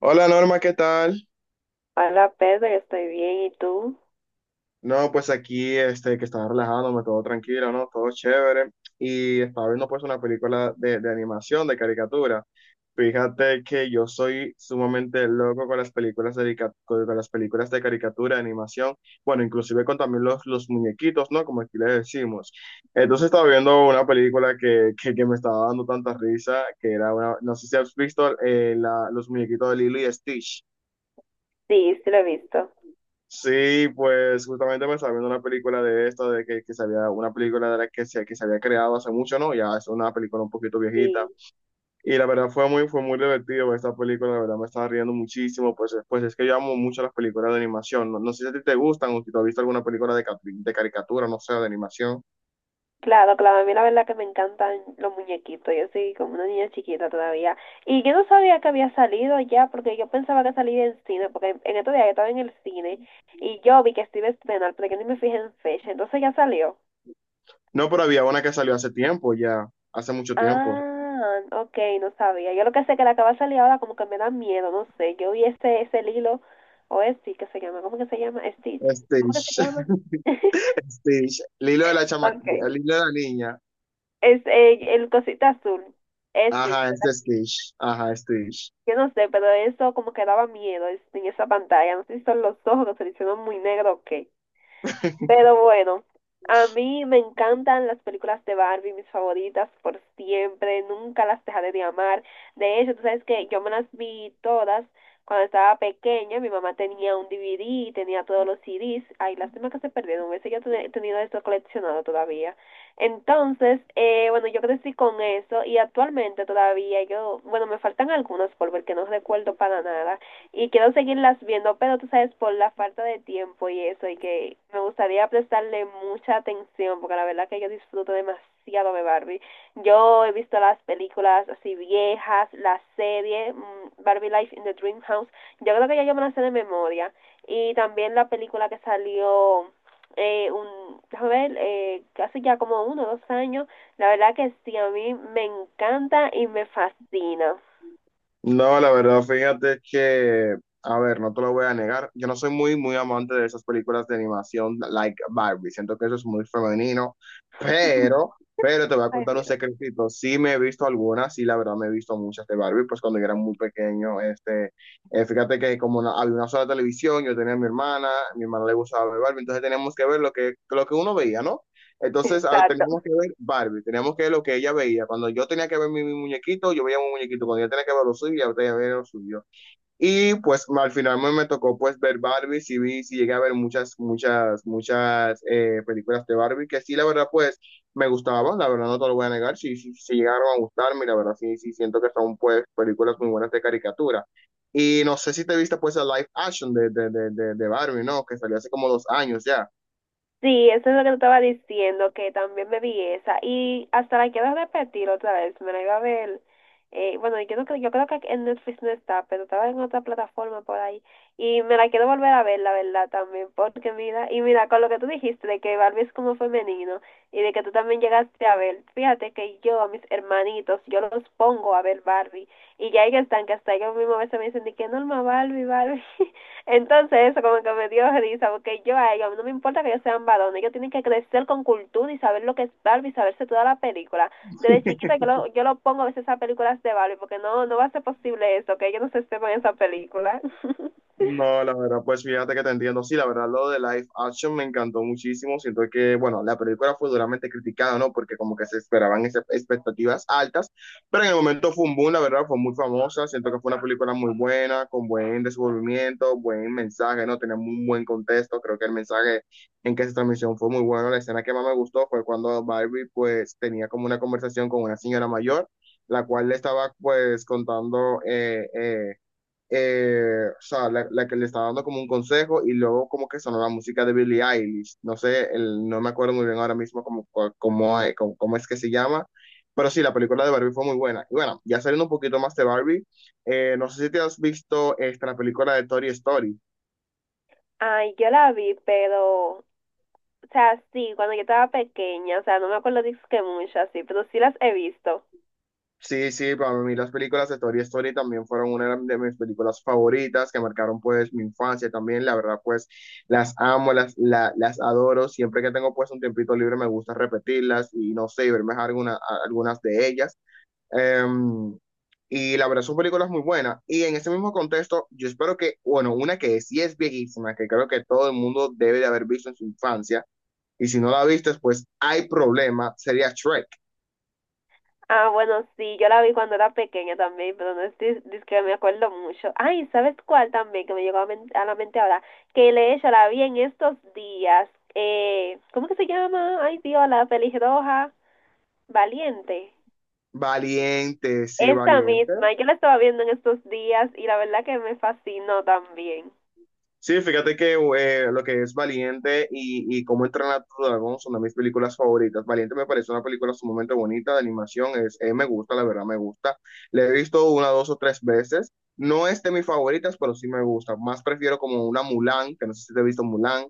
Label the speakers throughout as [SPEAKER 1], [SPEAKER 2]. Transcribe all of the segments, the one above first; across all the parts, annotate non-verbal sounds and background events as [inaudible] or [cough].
[SPEAKER 1] Hola Norma, ¿qué tal?
[SPEAKER 2] Hola Pedro, yo estoy bien. ¿Y tú?
[SPEAKER 1] No, pues aquí que estaba relajándome, todo tranquilo, ¿no? Todo chévere. Y estaba viendo pues una película de animación, de caricatura. Fíjate que yo soy sumamente loco con las películas con las películas de caricatura, de animación, bueno, inclusive con también los muñequitos, ¿no? Como aquí le decimos. Entonces estaba viendo una película que me estaba dando tanta risa, que era una, no sé si has visto los muñequitos de Lilo y Stitch.
[SPEAKER 2] Sí, sí lo he visto.
[SPEAKER 1] Sí, pues justamente me estaba viendo una película de esto de que se había, una película de la que se había creado hace mucho, ¿no? Ya es una película un poquito viejita.
[SPEAKER 2] Sí.
[SPEAKER 1] Y la verdad fue muy divertido ver esta película, la verdad me estaba riendo muchísimo, pues es que yo amo mucho las películas de animación. No, no sé si a ti te gustan o si tú has visto alguna película de caricatura, no sé, de animación.
[SPEAKER 2] Claro, claro, a mí la verdad que me encantan los muñequitos. Yo soy como una niña chiquita todavía. Y yo no sabía que había salido ya, porque yo pensaba que salía en cine, porque en estos días yo estaba en el cine y yo vi que se iba a estrenar, pero que ni me fijé en fecha. Entonces ya salió.
[SPEAKER 1] No, pero había una que salió hace tiempo, ya, hace mucho tiempo.
[SPEAKER 2] Ah, ok, no sabía. Yo lo que sé que la que va a salir ahora como que me da miedo, no sé. Yo vi ese Lilo, o este que se llama, ¿cómo que se llama? Stitch. ¿Cómo que se
[SPEAKER 1] Stitch,
[SPEAKER 2] llama?
[SPEAKER 1] [laughs]
[SPEAKER 2] [laughs]
[SPEAKER 1] Stitch, Lilo de la chama,
[SPEAKER 2] Ok.
[SPEAKER 1] Lilo de la niña.
[SPEAKER 2] Es el cosita azul, Stitch,
[SPEAKER 1] Ajá,
[SPEAKER 2] ¿verdad?
[SPEAKER 1] este Stitch, ajá, Stitch.
[SPEAKER 2] Yo no sé, pero eso como que daba miedo en esa pantalla. No sé si son los ojos que se le hicieron muy negro o qué.
[SPEAKER 1] [laughs]
[SPEAKER 2] Pero bueno, a mí me encantan las películas de Barbie, mis favoritas por siempre, nunca las dejaré de amar. De hecho, tú sabes que yo me las vi todas cuando estaba pequeña, mi mamá tenía un DVD, y tenía todos los CDs, ay, lástima que se perdieron, hubiese yo tenido eso coleccionado todavía. Entonces, bueno, yo crecí con eso y actualmente todavía yo, bueno, me faltan algunas por ver que no recuerdo para nada, y quiero seguirlas viendo, pero tú sabes, por la falta de tiempo y eso, y que me gustaría prestarle mucha atención, porque la verdad que yo disfruto demasiado de Barbie. Yo he visto las películas así viejas, la serie Barbie Life in the Dream House, yo creo que ya yo me la sé de memoria, y también la película que salió déjame ver, casi ya como uno o dos años, la verdad que sí, a mí me encanta y me fascina.
[SPEAKER 1] No, la verdad, fíjate que, a ver, no te lo voy a negar, yo no soy muy, muy amante de esas películas de animación like Barbie, siento que eso es muy femenino,
[SPEAKER 2] [laughs]
[SPEAKER 1] pero, pero te voy a
[SPEAKER 2] Ay,
[SPEAKER 1] contar un
[SPEAKER 2] Dios.
[SPEAKER 1] secretito, sí me he visto algunas, sí, la verdad me he visto muchas de Barbie, pues cuando yo era muy pequeño, fíjate que había una sola televisión, yo tenía a mi hermana le gustaba ver Barbie, entonces teníamos que ver lo que uno veía, ¿no? Entonces, ah,
[SPEAKER 2] Exacto.
[SPEAKER 1] teníamos que ver Barbie, teníamos que ver lo que ella veía. Cuando yo tenía que ver mi muñequito, yo veía mi muñequito. Cuando ella tenía que ver lo suyo, ella tenía que ver lo suyo. Y pues al final me tocó pues ver Barbie, sí vi, sí llegué a ver muchas, muchas, muchas películas de Barbie, que sí, la verdad, pues me gustaban, la verdad no te lo voy a negar, sí, sí, sí llegaron a gustarme, y la verdad sí, sí siento que son pues películas muy buenas de caricatura. Y no sé si te viste pues el live action de Barbie, ¿no? Que salió hace como 2 años ya.
[SPEAKER 2] Sí, eso es lo que te estaba diciendo, que también me vi esa. Y hasta la quiero repetir otra vez, me la iba a ver. Yo creo que en Netflix no está, pero estaba en otra plataforma por ahí. Y me la quiero volver a ver, la verdad, también. Porque mira, y mira, con lo que tú dijiste de que Barbie es como femenino y de que tú también llegaste a ver, fíjate que yo a mis hermanitos, yo los pongo a ver Barbie. Y ya ellos están que hasta ellos mismos a veces me dicen de que norma Barbie, Barbie. [laughs] Entonces, eso como que me dio risa, porque yo a ellos, no me importa que ellos sean varones, ellos tienen que crecer con cultura y saber lo que es Barbie, saberse toda la película. Desde chiquita yo lo pongo a veces a películas de Barbie, porque no, no va a ser posible eso, que ellos no se sepan esa película. [laughs]
[SPEAKER 1] No, la verdad, pues fíjate que te entiendo. Sí, la verdad, lo de live action me encantó muchísimo. Siento que, bueno, la película fue duramente criticada, ¿no? Porque como que se esperaban expectativas altas, pero en el momento fue un boom, la verdad, fue muy famosa. Siento que fue una película muy buena, con buen desenvolvimiento, buen mensaje, ¿no? Tenía un buen contexto. Creo que el mensaje en que se transmisión fue muy bueno. La escena que más me gustó fue cuando Barbie, pues, tenía como una conversación con una señora mayor, la cual le estaba, pues, contando, o sea, la que le estaba dando como un consejo y luego como que sonó la música de Billie Eilish. No sé, no me acuerdo muy bien ahora mismo cómo es que se llama, pero sí, la película de Barbie fue muy buena. Y bueno, ya saliendo un poquito más de Barbie, no sé si te has visto esta, la película de Toy Story.
[SPEAKER 2] Ay, yo la vi, pero, o sea, sí, cuando yo estaba pequeña, o sea, no me acuerdo disque mucho así, pero sí las he visto.
[SPEAKER 1] Sí, sí, para mí las películas de Toy Story también fueron una de mis películas favoritas que marcaron pues mi infancia también, la verdad pues las amo, las adoro, siempre que tengo pues un tiempito libre me gusta repetirlas y no sé, y verme alguna, algunas de ellas. Em, y la verdad son películas muy buenas y en ese mismo contexto yo espero que, bueno, una que sí es viejísima, que creo que todo el mundo debe de haber visto en su infancia y si no la viste pues hay problema, sería Shrek.
[SPEAKER 2] Ah, bueno, sí, yo la vi cuando era pequeña también, pero no es, dis que me acuerdo mucho. Ay, ¿sabes cuál también que me llegó a, a la mente ahora? Que de hecho la vi en estos días. ¿Cómo que se llama? Ay, Dios, la pelirroja, Valiente. Esta
[SPEAKER 1] Valiente.
[SPEAKER 2] misma, yo la estaba viendo en estos días y la verdad que me fascinó también.
[SPEAKER 1] Sí, fíjate que lo que es Valiente y Cómo entrenar a tu dragón son de mis películas favoritas. Valiente me parece una película sumamente bonita de animación, me gusta, la verdad me gusta. La he visto una, dos o tres veces. No es de mis favoritas, pero sí me gusta. Más prefiero como una Mulan, que no sé si te he visto Mulan.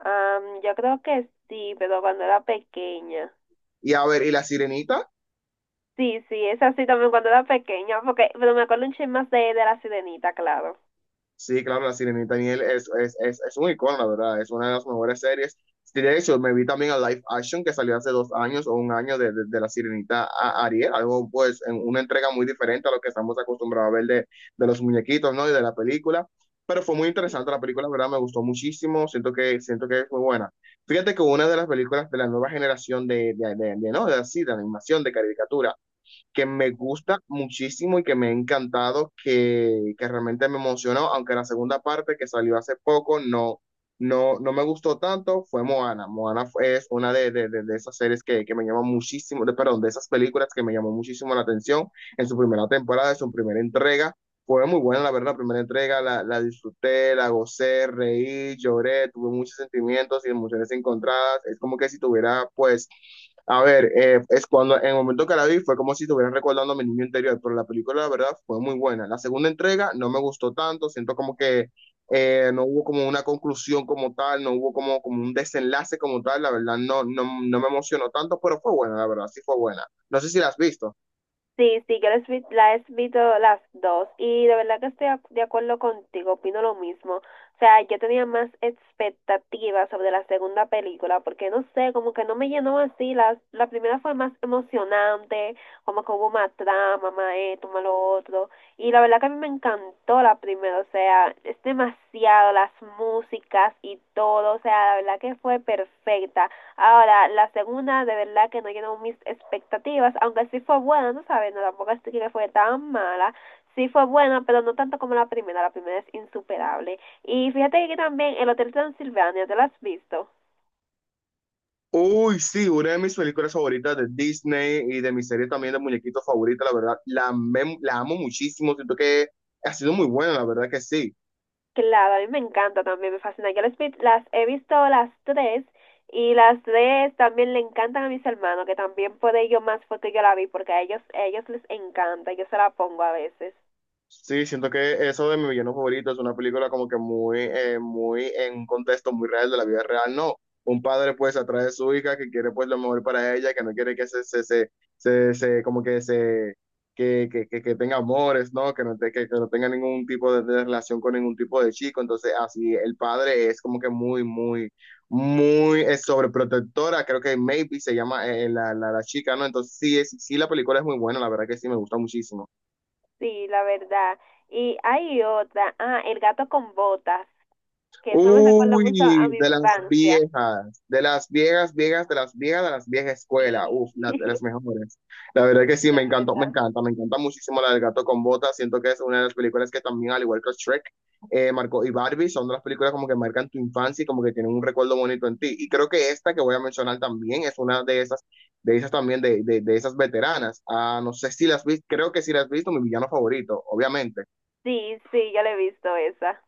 [SPEAKER 2] Yo creo que sí, pero cuando era pequeña.
[SPEAKER 1] Y a ver, ¿y La Sirenita?
[SPEAKER 2] Sí, sí, es así también cuando era pequeña, porque, pero me acuerdo un chisme más de la sirenita, claro.
[SPEAKER 1] Sí, claro, La Sirenita Niel es un icono, la verdad, es una de las mejores series. Sí, de hecho, me vi también a Live Action que salió hace 2 años o un año de La Sirenita a Ariel, algo pues en una entrega muy diferente a lo que estamos acostumbrados a ver de los muñequitos, ¿no? Y de la película. Pero fue muy interesante la película, la verdad, me gustó muchísimo, siento que es muy buena. Fíjate que una de las películas de la nueva generación de, ¿no? De así, de animación, de caricatura, que me gusta muchísimo y que me ha encantado, que realmente me emocionó, aunque la segunda parte que salió hace poco no, no, no me gustó tanto, fue Moana. Moana es una de esas series que me llamó muchísimo, de, perdón, de esas películas que me llamó muchísimo la atención en su primera temporada, en su primera entrega. Fue muy buena, la verdad, la primera entrega, la disfruté, la gocé, reí, lloré, tuve muchos sentimientos y emociones encontradas. Es como que si tuviera, pues, a ver, es cuando en el momento que la vi fue como si estuviera recordando a mi niño interior, pero la película, la verdad, fue muy buena. La segunda entrega no me gustó tanto, siento como que no hubo como una conclusión como tal, no hubo como un desenlace como tal, la verdad, no, no, no me emocionó tanto, pero fue buena, la verdad, sí fue buena. No sé si la has visto.
[SPEAKER 2] Sí, sí, la he visto las dos y de verdad que estoy de acuerdo contigo, opino lo mismo. O sea, yo tenía más expectativas sobre la segunda película porque no sé, como que no me llenó así. La primera fue más emocionante, como que hubo más trama, más esto, más lo otro. Y la verdad que a mí me encantó la primera, o sea, es demasiado, las músicas y todo, o sea, la verdad que fue perfecta. Ahora, la segunda de verdad que no llenó mis expectativas, aunque sí fue buena, no sabes, no, tampoco es que fue tan mala, sí fue buena, pero no tanto como la primera es insuperable. Y fíjate que también el Hotel Transilvania, ¿te lo has visto?
[SPEAKER 1] Uy, sí, una de mis películas favoritas de Disney y de mi serie también de muñequitos favorita, la verdad, la amo muchísimo, siento que ha sido muy buena, la verdad que sí.
[SPEAKER 2] Claro, a mí me encanta también, me fascina. Yo las he visto las tres y las tres también le encantan a mis hermanos, que también por ello más foto yo la vi, porque a ellos les encanta, yo se la pongo a veces.
[SPEAKER 1] Sí, siento que eso de mi villano favorito es una película como que muy en un contexto muy real de la vida real, no. Un padre pues atrae a su hija que quiere pues lo mejor para ella, que no quiere que como que se, que tenga amores, ¿no? Que no, que no tenga ningún tipo de relación con ningún tipo de chico. Entonces así el padre es como que muy, muy, muy sobreprotectora. Creo que Maybe se llama la chica, ¿no? Entonces sí, sí, la película es muy buena, la verdad que sí, me gusta muchísimo.
[SPEAKER 2] Sí, la verdad. Y hay otra, ah, el gato con botas, que eso me recuerda mucho a
[SPEAKER 1] Uy,
[SPEAKER 2] mi infancia.
[SPEAKER 1] de las viejas, viejas, de las viejas, de las viejas
[SPEAKER 2] Sí,
[SPEAKER 1] escuela. Uf, de las
[SPEAKER 2] [laughs]
[SPEAKER 1] mejores. La verdad que sí, me
[SPEAKER 2] de
[SPEAKER 1] encantó,
[SPEAKER 2] verdad.
[SPEAKER 1] me encanta muchísimo la del gato con botas. Siento que es una de las películas que también, al igual que Shrek, marcó y Barbie, son de las películas como que marcan tu infancia y como que tienen un recuerdo bonito en ti. Y creo que esta que voy a mencionar también es una de esas también, de esas veteranas. Ah, no sé si las viste, creo que sí las has visto, mi villano favorito, obviamente.
[SPEAKER 2] Sí, sí, yo le he visto esa.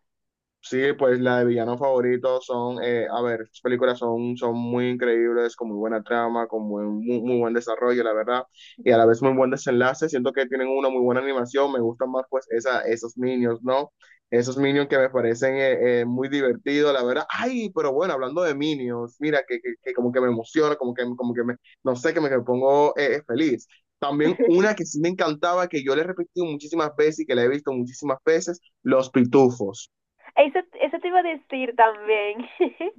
[SPEAKER 1] Sí, pues la de villano favorito son, a ver, sus películas son, muy increíbles, con muy buena trama, muy, muy buen desarrollo, la verdad, y a la vez muy buen desenlace. Siento que tienen una muy buena animación, me gustan más pues esos minions, ¿no? Esos minions que me parecen muy divertidos, la verdad. Ay, pero bueno, hablando de minions mira, que como que me emociona, como que me, no sé, que me pongo feliz. También una que
[SPEAKER 2] [laughs]
[SPEAKER 1] sí me encantaba, que yo le he repetido muchísimas veces y que la he visto muchísimas veces, Los Pitufos.
[SPEAKER 2] Eso te iba a decir también. [laughs]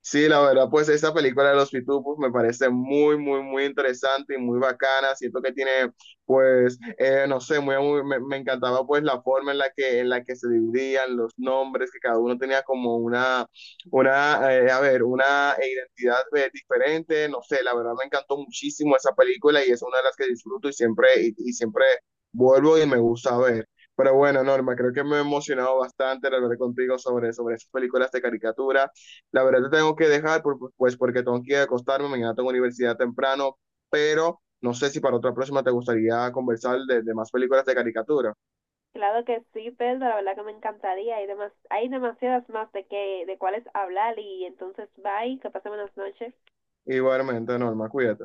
[SPEAKER 1] Sí, la verdad, pues esta película de los Pitufos me parece muy, muy, muy interesante y muy bacana. Siento que tiene, pues, no sé, me encantaba pues la forma en la que, se dividían los nombres, que cada uno tenía como a ver, una identidad diferente. No sé, la verdad me encantó muchísimo esa película y es una de las que disfruto y siempre, y siempre vuelvo y me gusta ver. Pero bueno, Norma, creo que me he emocionado bastante al hablar contigo sobre esas películas de caricatura. La verdad te tengo que dejar, pues porque tengo que ir a acostarme, mañana tengo universidad temprano, pero no sé si para otra próxima te gustaría conversar de más películas de caricatura.
[SPEAKER 2] Claro que sí, Pedro, la verdad que me encantaría. Hay, hay demasiadas más de que, de cuáles hablar y entonces bye, que pasen buenas noches.
[SPEAKER 1] Igualmente, Norma, cuídate.